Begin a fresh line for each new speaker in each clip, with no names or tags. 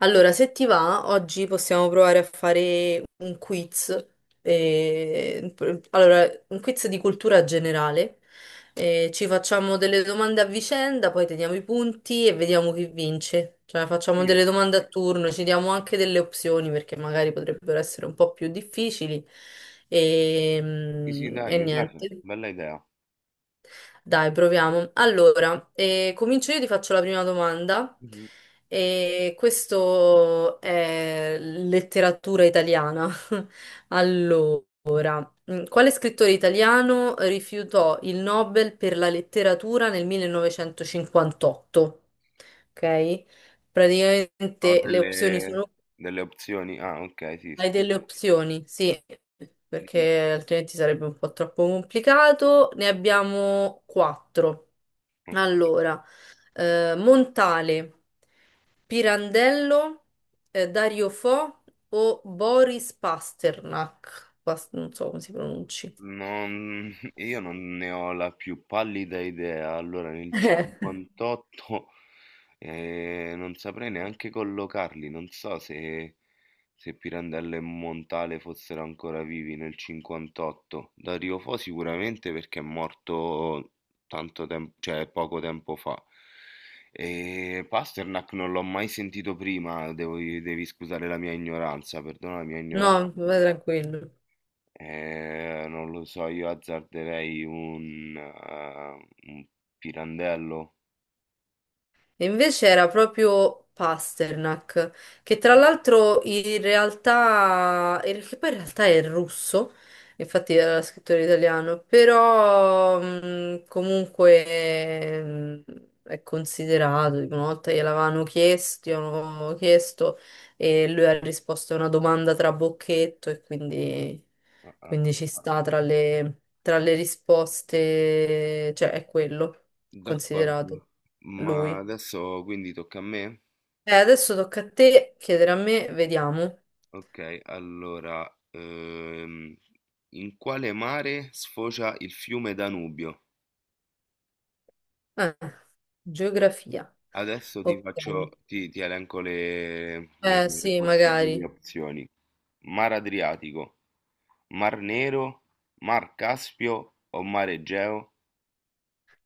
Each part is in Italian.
Allora, se ti va, oggi possiamo provare a fare un quiz. eh, allora, un quiz di cultura generale. Ci facciamo delle domande a vicenda, poi teniamo i punti e vediamo chi vince. Cioè, facciamo
Sì,
delle domande a turno, ci diamo anche delle opzioni perché magari potrebbero essere un po' più difficili. E,
sì, sì, dai,
e
mi piace,
niente.
bella idea.
Dai, proviamo. Allora, comincio io, ti faccio la prima domanda.
Mhm.
E questo è letteratura italiana. Allora, quale scrittore italiano rifiutò il Nobel per la letteratura nel 1958? Ok?
Ho
Praticamente le opzioni sono
delle, delle opzioni. Ah, ok, sì,
hai delle
scusa.
opzioni, sì,
Dimmi.
perché altrimenti sarebbe un po' troppo complicato. Ne abbiamo quattro. Allora, Montale, Pirandello, Dario Fo o Boris Pasternak. Non so come si pronunci.
Non, io non ne ho la più pallida idea. Allora, nel 58 non saprei neanche collocarli. Non so se, se Pirandello e Montale fossero ancora vivi nel 58. Dario Fo sicuramente perché è morto cioè poco tempo fa. E Pasternak non l'ho mai sentito prima. Devi scusare la mia ignoranza, perdona la mia
No,
ignoranza.
va tranquillo.
Non lo so, io azzarderei un pirandello.
E invece era proprio Pasternak, che tra l'altro in realtà, che poi in realtà è russo, infatti era scrittore italiano, però comunque è considerato, dico, una volta gliel'avevano chiesto, gli avevano chiesto e lui ha risposto a una domanda tra bocchetto e
Ah, ah,
quindi ci
ah.
sta tra tra le risposte, cioè è quello considerato
D'accordo. Ma
lui.
adesso quindi tocca a me?
Adesso tocca a te chiedere a me, vediamo.
Ok, allora, in quale mare sfocia il fiume Danubio?
Eh, geografia.
Adesso
Ok.
ti elenco
Eh
le
sì,
possibili
magari.
opzioni. Mar Adriatico, Mar Nero, Mar Caspio o Mar Egeo?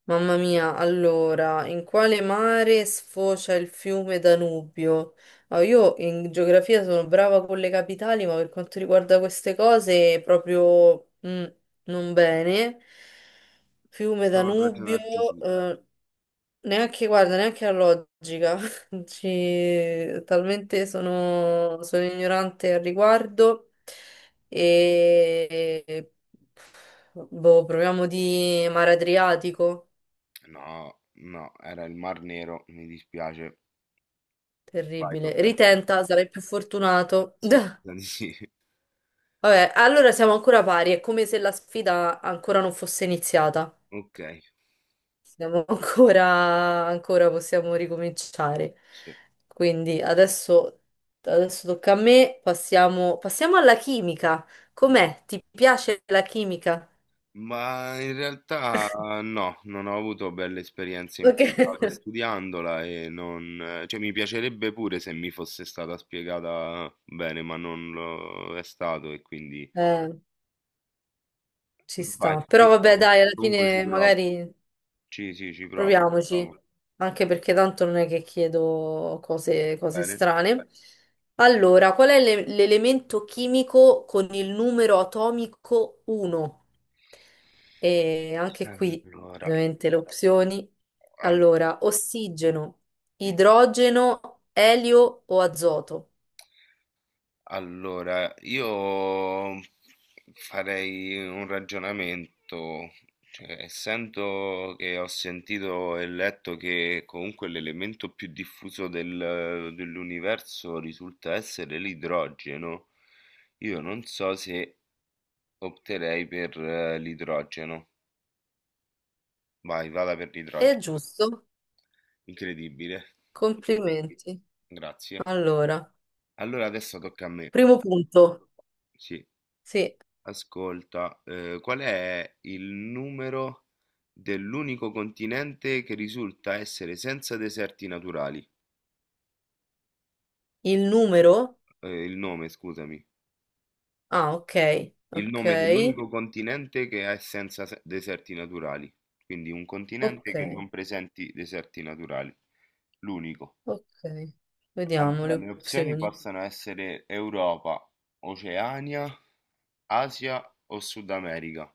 Mamma mia, allora, in quale mare sfocia il fiume Danubio? Ah, io in geografia sono brava con le capitali, ma per quanto riguarda queste cose proprio non bene. Fiume
Prova a
Danubio,
ragionarci su.
eh, neanche, guarda, neanche la logica. Talmente sono ignorante al riguardo. E boh, proviamo di mare Adriatico.
No, era il Mar Nero, mi dispiace. Vai,
Terribile.
tocca a te.
Ritenta, sarai più fortunato.
Sì,
Vabbè,
mi sa di sì.
allora siamo ancora pari, è come se la sfida ancora non fosse iniziata.
Ok,
Siamo ancora possiamo ricominciare.
sì.
Quindi adesso tocca a me, passiamo alla chimica. Com'è? Ti piace la chimica?
Ma in realtà no, non ho avuto belle esperienze in
Ok.
passato studiandola e non, cioè mi piacerebbe pure se mi fosse stata spiegata bene, ma non lo è stato e quindi
Eh, ci
vai,
sta.
ci
Però vabbè,
provo.
dai, alla
Comunque ci
fine
provo.
magari
Sì, sì, ci provo. Ci
proviamoci,
provo.
anche perché tanto non è che chiedo cose
Bene.
strane. Allora, qual è l'elemento chimico con il numero atomico 1? E anche qui,
Allora,
ovviamente, le opzioni.
al-
Allora, ossigeno, idrogeno, elio o azoto?
Allora, io farei un ragionamento, cioè, essendo che ho sentito e letto che comunque l'elemento più diffuso dell'universo risulta essere l'idrogeno, io non so se opterei per l'idrogeno. Vai, vada per
È
l'idrogeno.
giusto?
Incredibile,
Complimenti.
grazie.
Allora,
Allora adesso tocca a me.
primo punto.
Sì.
Sì,
Ascolta, qual è il numero dell'unico continente che risulta essere senza deserti naturali?
il numero?
Il nome, scusami.
Ah,
Il nome dell'unico continente che è senza deserti naturali. Quindi un
ok.
continente che non presenti deserti naturali. L'unico.
Ok, vediamo
Allora,
le
le opzioni
opzioni.
possono essere Europa, Oceania, Asia o Sud America.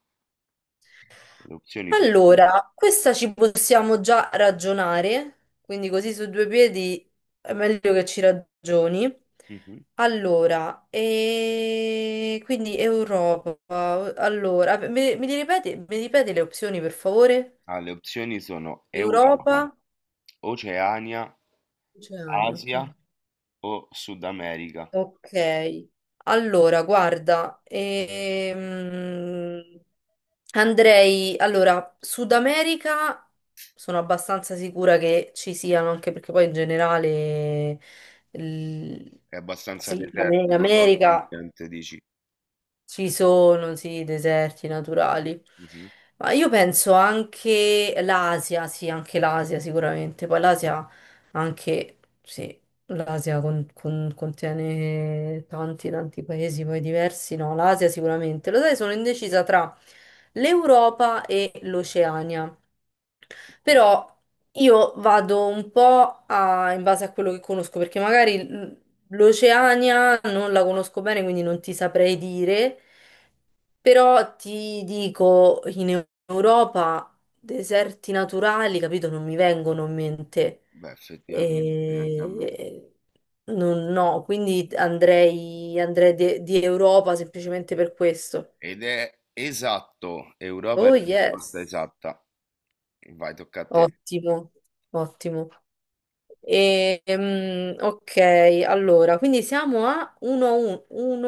Le opzioni sono...
Allora, questa ci possiamo già ragionare, quindi così su due piedi è meglio che ci ragioni.
Mhm.
Allora, e quindi Europa. Allora, mi mi ripeti le opzioni per favore?
Ah, le opzioni sono
Europa,
Europa. Oceania,
oceani, ok.
Asia o Sud America?
Ok, allora guarda, andrei, allora, Sud America sono abbastanza sicura che ci siano, anche perché poi in generale l-
È abbastanza
sì,
desertico
l'America
l'ambiente, dici?
ci sono, sì, deserti naturali.
Mhm.
Ma io penso anche l'Asia, sì, anche l'Asia sicuramente. Poi l'Asia anche, sì, l'Asia contiene tanti, tanti paesi poi diversi. No, l'Asia sicuramente. Lo sai, sono indecisa tra l'Europa e l'Oceania.
Ok.
Però io vado un po' in base a quello che conosco, perché magari l'Oceania non la conosco bene, quindi non ti saprei dire, però ti dico in Europa deserti naturali, capito? Non mi vengono in mente.
Beh, effettivamente, neanche a me.
E- no, quindi andrei di Europa semplicemente per questo.
Ed è esatto, Europa è
Oh
la risposta
yes,
esatta. Vai, tocca a te.
ottimo, ottimo. Ok, allora, quindi siamo a 1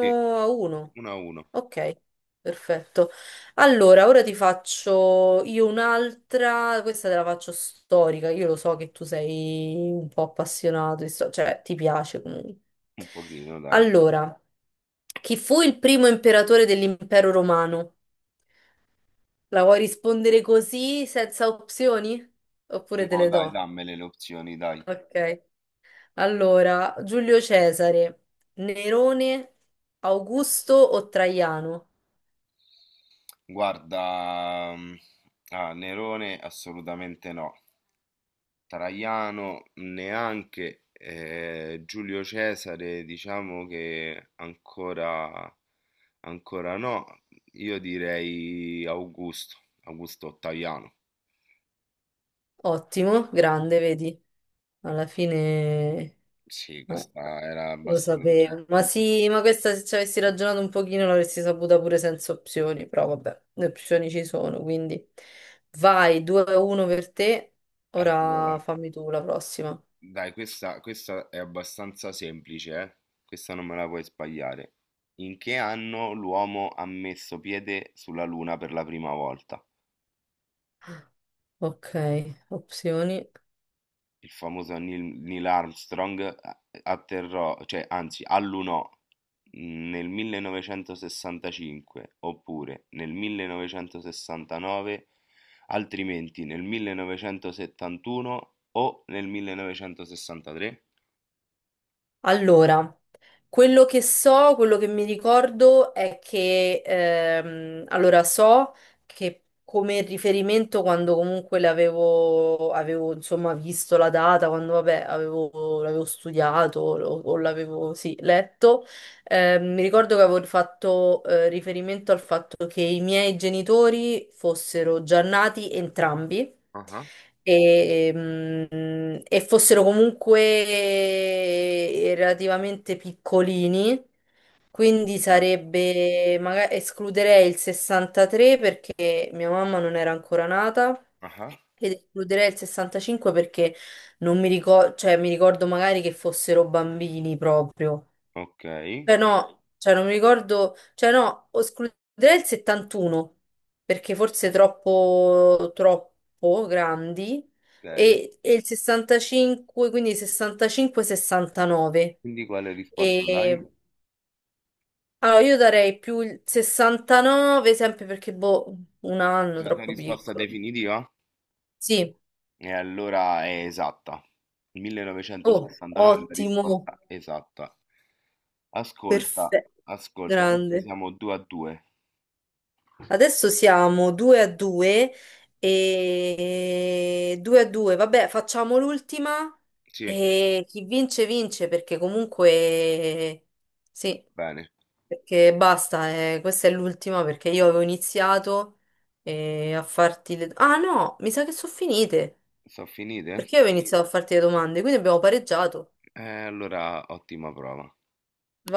Sì,
1.
1 a 1,
Ok, perfetto. Allora, ora ti faccio io un'altra, questa te la faccio storica, io lo so che tu sei un po' appassionato, di cioè ti piace comunque.
un pochino, dai.
Allora, chi fu il primo imperatore dell'impero romano? La vuoi rispondere così, senza opzioni? Oppure te
No,
le
dai,
do?
dammele le opzioni, dai.
Ok. Allora, Giulio Cesare, Nerone, Augusto o Traiano?
Guarda, mm, ah, Nerone assolutamente no. Traiano neanche, Giulio Cesare diciamo che ancora no, io direi Augusto, Augusto Ottaviano,
Ottimo, grande, vedi? Alla fine
sì,
eh,
questa era
lo
abbastanza, cioè,
sapevo. Ma
com-.
sì, ma questa se ci avessi ragionato un pochino l'avresti saputa pure senza opzioni, però vabbè, le opzioni ci sono, quindi vai, 2-1 per te.
Allora,
Ora fammi tu la prossima.
dai questa, questa è abbastanza semplice, eh? Questa non me la puoi sbagliare. In che anno l'uomo ha messo piede sulla Luna per la prima volta?
Ok, opzioni.
Il famoso Neil Armstrong atterrò, cioè anzi allunò nel 1965 oppure nel 1969, altrimenti nel 1971 o nel 1963?
Allora. Quello che so, quello che mi ricordo è che, allora so che come riferimento quando comunque avevo insomma visto la data, quando vabbè l'avevo studiato o l'avevo sì, letto, mi ricordo che avevo fatto riferimento al fatto che i miei genitori fossero già nati entrambi
Ah,
e fossero comunque relativamente piccolini, quindi
ok,
sarebbe, magari escluderei il 63 perché mia mamma non era ancora nata.
ah,
Ed escluderei il 65 perché non mi ricordo, cioè mi ricordo magari che fossero bambini proprio.
ok,
Cioè no, cioè non mi ricordo, cioè no, escluderei il 71 perché forse troppo grandi
ok.
e il 65, quindi 65-69.
Quindi quale risposta dai?
E allora io darei più il 69 sempre perché boh, un anno
La tua
troppo
risposta
piccolo.
definitiva?
Sì,
E allora è esatta.
oh,
1969 è la risposta esatta. Ascolta,
perfetto,
ascolta, adesso
grande.
siamo 2 a 2.
Adesso siamo 2 a 2 e 2 a 2, vabbè, facciamo l'ultima
Sì,
e chi vince vince perché comunque sì,
bene.
perché basta, questa è l'ultima perché io avevo iniziato a farti le... Ah no, mi sa che sono finite
Sono finite?
perché io avevo iniziato a farti le domande, quindi abbiamo pareggiato.
Allora ottima prova.
Va